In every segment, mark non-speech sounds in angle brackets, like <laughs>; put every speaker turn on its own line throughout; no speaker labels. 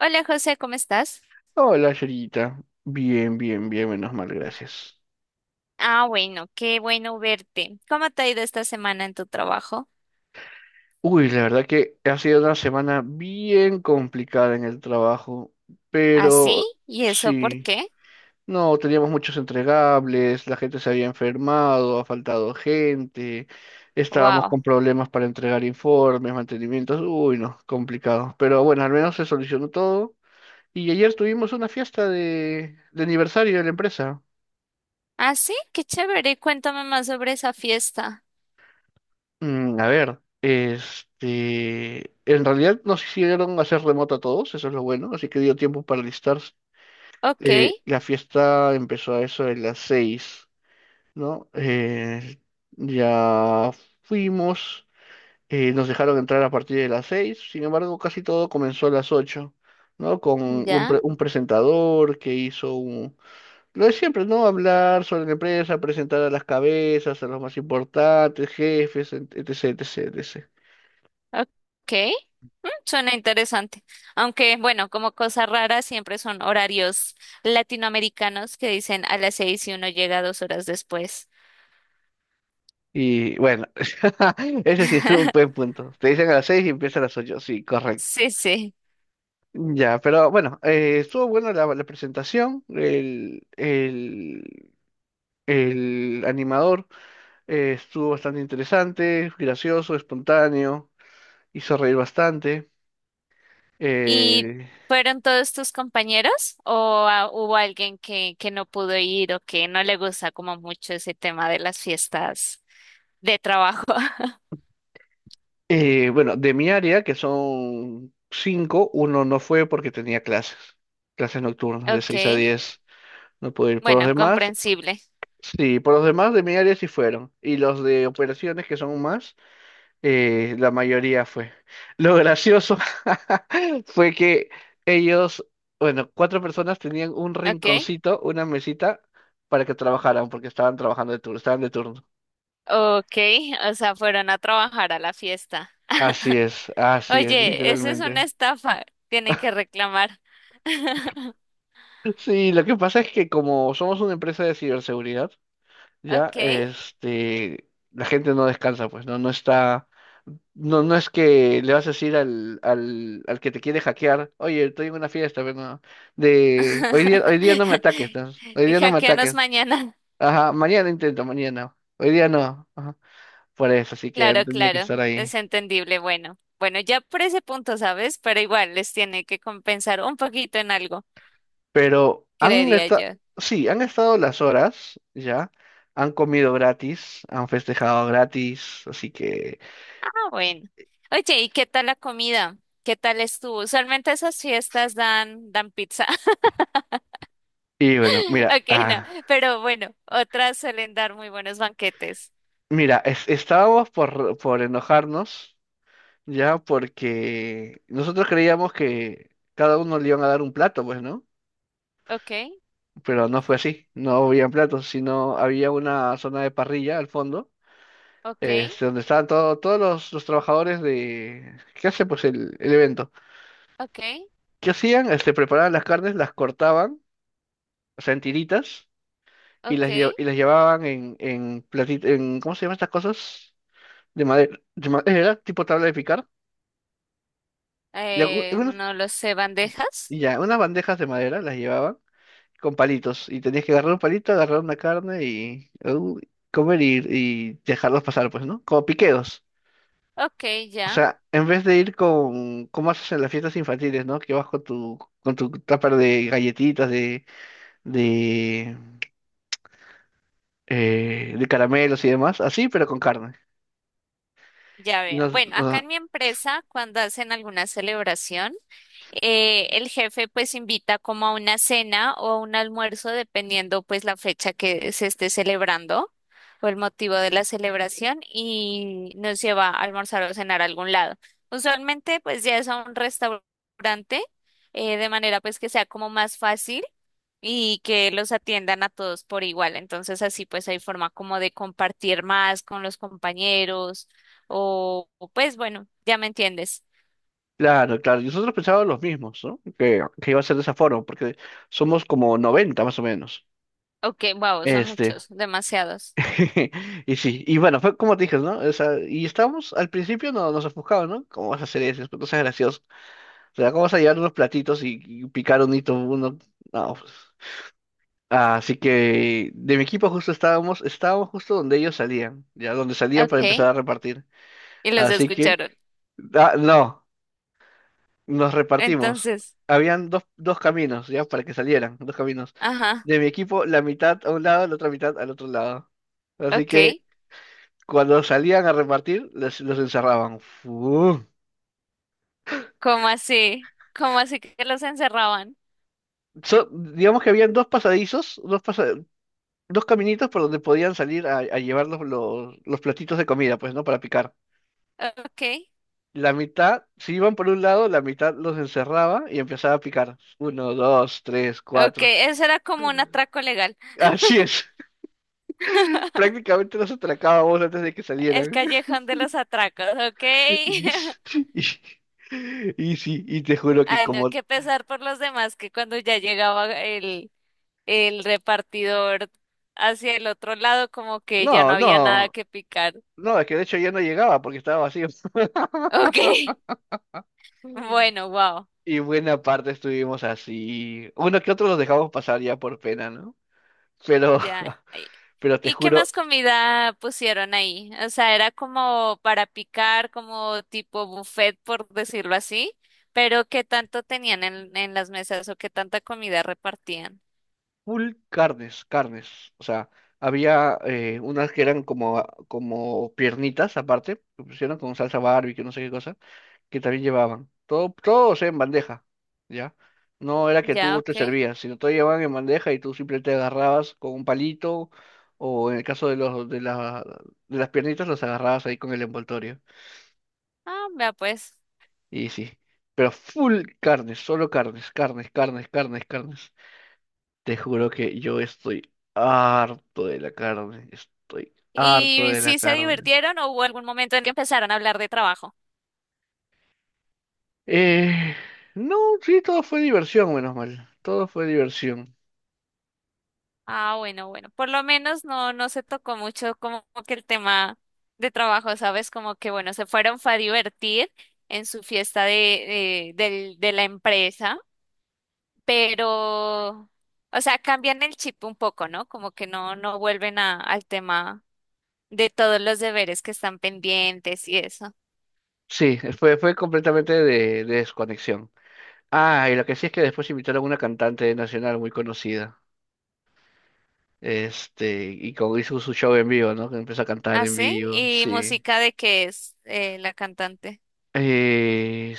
Hola José, ¿cómo estás?
Hola, Yerita. Bien, bien, bien, menos mal, gracias.
Ah, bueno, qué bueno verte. ¿Cómo te ha ido esta semana en tu trabajo?
Uy, la verdad que ha sido una semana bien complicada en el trabajo,
¿Ah, sí?
pero
¿Y eso por
sí,
qué?
no, teníamos muchos entregables, la gente se había enfermado, ha faltado gente, estábamos
Wow.
con problemas para entregar informes, mantenimientos, uy, no, complicado. Pero bueno, al menos se solucionó todo. Y ayer tuvimos una fiesta de aniversario de la empresa.
¿Ah, sí? Qué chévere. Cuéntame más sobre esa fiesta.
A ver, este, en realidad nos hicieron hacer remoto a todos, eso es lo bueno, así que dio tiempo para listarse.
Ok,
La fiesta empezó a eso de las seis, ¿no? Ya fuimos, nos dejaron entrar a partir de las seis, sin embargo, casi todo comenzó a las ocho, ¿no? Con un,
ya.
pre- un presentador que hizo un. Lo de siempre, ¿no? Hablar sobre la empresa, presentar a las cabezas, a los más importantes, jefes, etc, etc, etc.
Ok. Suena interesante. Aunque, bueno, como cosa rara, siempre son horarios latinoamericanos que dicen a las 6 y uno llega 2 horas después.
Y bueno, <laughs> ese sí es un
<laughs>
buen punto. Te dicen a las seis y empieza a las ocho. Sí, correcto.
Sí, sí.
Ya, pero bueno, estuvo buena la presentación. El animador estuvo bastante interesante, gracioso, espontáneo, hizo reír bastante.
¿Y
Eh,
fueron todos tus compañeros o hubo alguien que no pudo ir o que no le gusta como mucho ese tema de las fiestas de trabajo? <laughs>
bueno, de mi área, que son cinco, uno no fue porque tenía clases, clases nocturnas de
Ok,
seis a 10. No pude ir por los
bueno,
demás.
comprensible.
Sí, por los demás de mi área sí fueron. Y los de operaciones, que son más, la mayoría fue. Lo gracioso <laughs> fue que ellos, bueno, cuatro personas tenían un
Ok,
rinconcito, una mesita, para que trabajaran, porque estaban trabajando de turno, estaban de turno.
ok, o sea, fueron a trabajar a la fiesta. <laughs>
Así es,
Oye, eso es una
literalmente.
estafa, tienen que reclamar. <laughs>
Sí, lo que pasa es que como somos una empresa de ciberseguridad, ya,
Ok.
este, la gente no descansa, pues, ¿no? No está. No, no es que le vas a decir al que te quiere hackear, oye, estoy en una fiesta, pero no, de hoy
<laughs>
día no me ataques, ¿no? Hoy día no me
Hackeanos
ataques.
mañana.
Ajá, mañana intento, mañana. Hoy día no. Ajá. Por eso, así que
Claro,
han tenido que
claro,
estar
es
ahí.
entendible. Bueno, bueno, ya por ese punto, ¿sabes? Pero igual les tiene que compensar un poquito en algo,
Pero han
creería
estado,
yo.
sí, han estado las horas, ya, han comido gratis, han festejado gratis, así que.
Ah, bueno. Oye, ¿y qué tal la comida? ¿Qué tal estuvo? Usualmente esas fiestas dan pizza.
Y bueno,
<laughs>
mira,
Ok, no,
ah,
pero bueno, otras suelen dar muy buenos banquetes.
mira, estábamos por enojarnos. Ya, porque nosotros creíamos que cada uno le iban a dar un plato, pues, ¿no?
Ok,
Pero no fue así, no habían platos, sino había una zona de parrilla al fondo,
ok,
este, donde estaban todos los trabajadores de. ¿Qué hace, pues, el evento?
ok,
¿Qué hacían? Este, preparaban las carnes, las cortaban, o sea, en tiritas, y
ok.
y las llevaban en platito, ¿cómo se llaman estas cosas? De madera, tipo tabla de picar. Y algu- algunas-
No lo sé, bandejas.
y ya, unas bandejas de madera las llevaban con palitos. Y tenías que agarrar un palito, agarrar una carne y comer y dejarlos pasar, pues, ¿no? Como piqueos.
Ok,
O
ya.
sea, en vez de ir como haces en las fiestas infantiles, ¿no? Que vas con tu tupper de galletitas, de, de caramelos y demás, así, pero con carne.
Ya
Y
veo.
nos,
Bueno, acá
nos-
en mi empresa, cuando hacen alguna celebración, el jefe pues invita como a una cena o a un almuerzo, dependiendo pues la fecha que se esté celebrando o el motivo de la celebración y nos lleva a almorzar o cenar a algún lado. Usualmente pues ya es a un restaurante, de manera pues que sea como más fácil y que los atiendan a todos por igual. Entonces así pues hay forma como de compartir más con los compañeros o, pues bueno, ya me entiendes.
claro, claro. Y nosotros pensábamos los mismos ¿no? Que iba a ser de esa forma, porque somos como 90 más o menos.
Ok, wow, son
Este.
muchos, demasiados.
<laughs> Y sí, y bueno, fue como te dije, ¿no? O sea, y estábamos, al principio no, nos ofuscaba, ¿no? ¿Cómo vas a hacer eso? No seas gracioso. O sea, ¿cómo vas a llevar unos platitos y picar un hito uno? No, pues. Así que de mi equipo justo estábamos justo donde ellos salían, ya donde salían
Ok,
para empezar a
y
repartir.
los
Así que,
escucharon.
ah, no, nos repartimos.
Entonces,
Habían dos caminos, ya, para que salieran, dos caminos.
ajá,
De mi equipo, la mitad a un lado, la otra mitad al otro lado. Así
ok.
que cuando salían a repartir, los encerraban. Fu.
¿Cómo así? ¿Cómo así que los encerraban?
Digamos que habían dos pasadizos, dos caminitos por donde podían salir a llevar los platitos de comida, pues, ¿no? Para picar.
Ok,
La mitad, si iban por un lado, la mitad los encerraba y empezaba a picar. Uno, dos, tres,
ok,
cuatro.
eso era como un atraco legal.
Así es. <laughs> Prácticamente los atracábamos antes de que
El
salieran. <laughs>
callejón de los atracos, ok.
Y,
<laughs>
y, y sí, y te juro que
Ay, no,
como.
qué pesar por los demás que cuando ya llegaba el repartidor hacia el otro lado, como que ya no
No,
había nada
no,
que picar.
no, es que de hecho ya no llegaba porque estaba vacío.
Ok, <laughs>
<laughs>
bueno, wow.
Y buena parte estuvimos así. Uno que otro los dejamos pasar ya por pena, ¿no? Pero,
Ya.
<laughs>
¿Y
pero te
y qué más
juro,
comida pusieron ahí? O sea, era como para picar, como tipo buffet, por decirlo así, pero ¿qué tanto tenían en las mesas o qué tanta comida repartían?
full carnes, carnes. O sea, había unas que eran como piernitas aparte, que pusieron con salsa barbecue, no sé qué cosa, que también llevaban. Todo, todo, o sea, en bandeja, ¿ya? No era que
Ya,
tú te
ok.
servías, sino todo llevaban en bandeja y tú simplemente agarrabas con un palito, o en el caso de de las piernitas, los agarrabas ahí con el envoltorio.
Ah, vea pues.
Y sí, pero full carnes, solo carnes, carnes, carnes, carnes, carnes. Te juro que yo estoy harto de la carne, estoy harto
¿Y
de la
si se
carne.
divirtieron o hubo algún momento en que empezaron a hablar de trabajo?
Eh, no, sí, todo fue diversión, menos mal, todo fue diversión.
Ah, bueno, bueno. Por lo menos no se tocó mucho como que el tema de trabajo, ¿sabes? Como que bueno, se fueron fue a divertir en su fiesta de de la empresa, pero, o sea, cambian el chip un poco, ¿no? Como que no vuelven a, al tema de todos los deberes que están pendientes y eso.
Sí, fue completamente de desconexión. Ah, y lo que sí es que después invitaron a una cantante nacional muy conocida. Este, y como hizo su show en vivo, ¿no? Que empezó a cantar
Ah,
en
sí.
vivo,
¿Y
sí.
música de qué es la cantante?
Eh,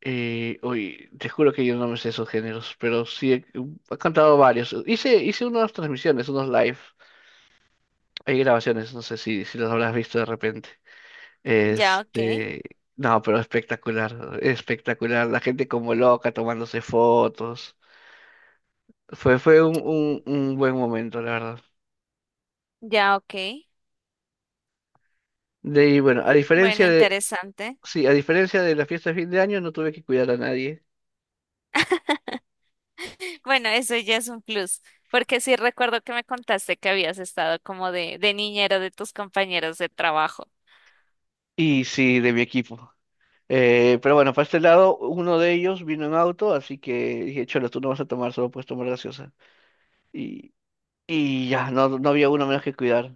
Uy, te juro que yo no me sé esos géneros, pero sí he cantado varios. Hice unas transmisiones, unos live. Hay grabaciones, no sé si los habrás visto de repente.
Ya, ok.
Este, no, pero espectacular, espectacular. La gente como loca tomándose fotos. Fue un buen momento, la verdad.
Ya, ok.
De ahí, bueno,
Bueno, interesante.
sí, a diferencia de la fiesta de fin de año, no tuve que cuidar a nadie.
Bueno, eso ya es un plus, porque sí recuerdo que me contaste que habías estado como de niñero de tus compañeros de trabajo.
Y sí, de mi equipo. Pero bueno, para este lado, uno de ellos vino en auto, así que dije, Cholo, tú no vas a tomar, solo puedes tomar gaseosa. Y, y ya, no, no había uno menos que cuidar.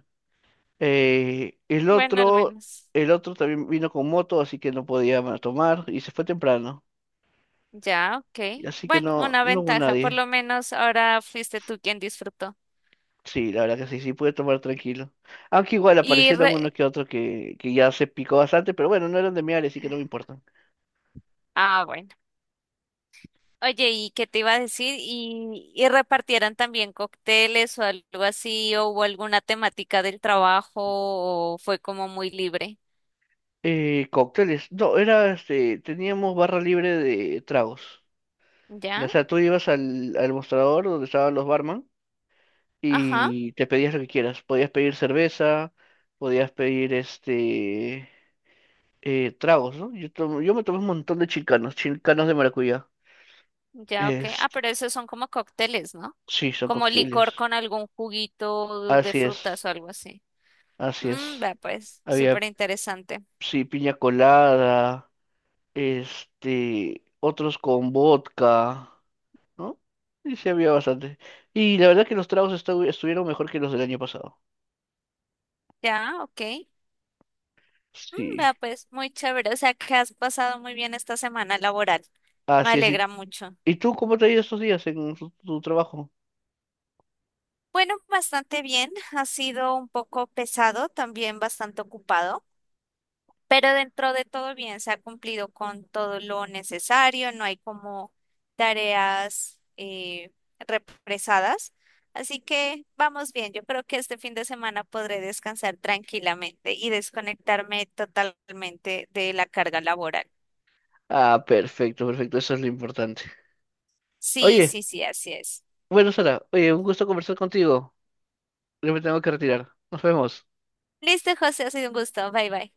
Eh, el
Bueno, al
otro,
menos.
el otro también vino con moto, así que no podía tomar y se fue temprano.
Ya, ok.
Y así que
Bueno,
no,
una
no hubo
ventaja, por
nadie.
lo menos ahora fuiste tú quien disfrutó.
Sí, la verdad que sí, sí pude tomar tranquilo. Aunque igual
Y
aparecieron
re-
uno que otro que ya se picó bastante, pero bueno, no eran de mi área, así que no me importan.
Ah, bueno. Oye, ¿y qué te iba a decir? ¿Y repartieran también cócteles o algo así? ¿O hubo alguna temática del trabajo? ¿O fue como muy libre?
Cócteles, no, era este, teníamos barra libre de tragos.
¿Ya?
O sea, tú ibas al mostrador donde estaban los barman
Ajá,
y te pedías lo que quieras. Podías pedir cerveza, podías pedir este tragos, ¿no? Yo me tomé un montón de chicanos, chicanos de maracuyá.
ya, ok.
Es,
Ah, pero esos son como cócteles, ¿no?
sí, son
Como
cócteles.
licor con algún juguito de
Así es,
frutas o algo así.
así es.
Vea pues,
Había,
súper interesante.
sí, piña colada, este, otros con vodka, ¿no? Y sí, había bastante. Y la verdad que los tragos estuvieron mejor que los del año pasado.
Ya, ok.
Sí.
Vea pues, muy chévere. O sea, que has pasado muy bien esta semana laboral. Me
Así es.
alegra mucho.
¿Y tú cómo te ha ido estos días en tu trabajo?
Bueno, bastante bien. Ha sido un poco pesado, también bastante ocupado. Pero dentro de todo bien, se ha cumplido con todo lo necesario, no hay como tareas represadas. Así que vamos bien, yo creo que este fin de semana podré descansar tranquilamente y desconectarme totalmente de la carga laboral.
Ah, perfecto, perfecto, eso es lo importante.
Sí,
Oye,
sí, sí, así es.
bueno, Sara, oye, un gusto conversar contigo. Yo me tengo que retirar. Nos vemos.
Listo, José, ha sido un gusto. Bye, bye.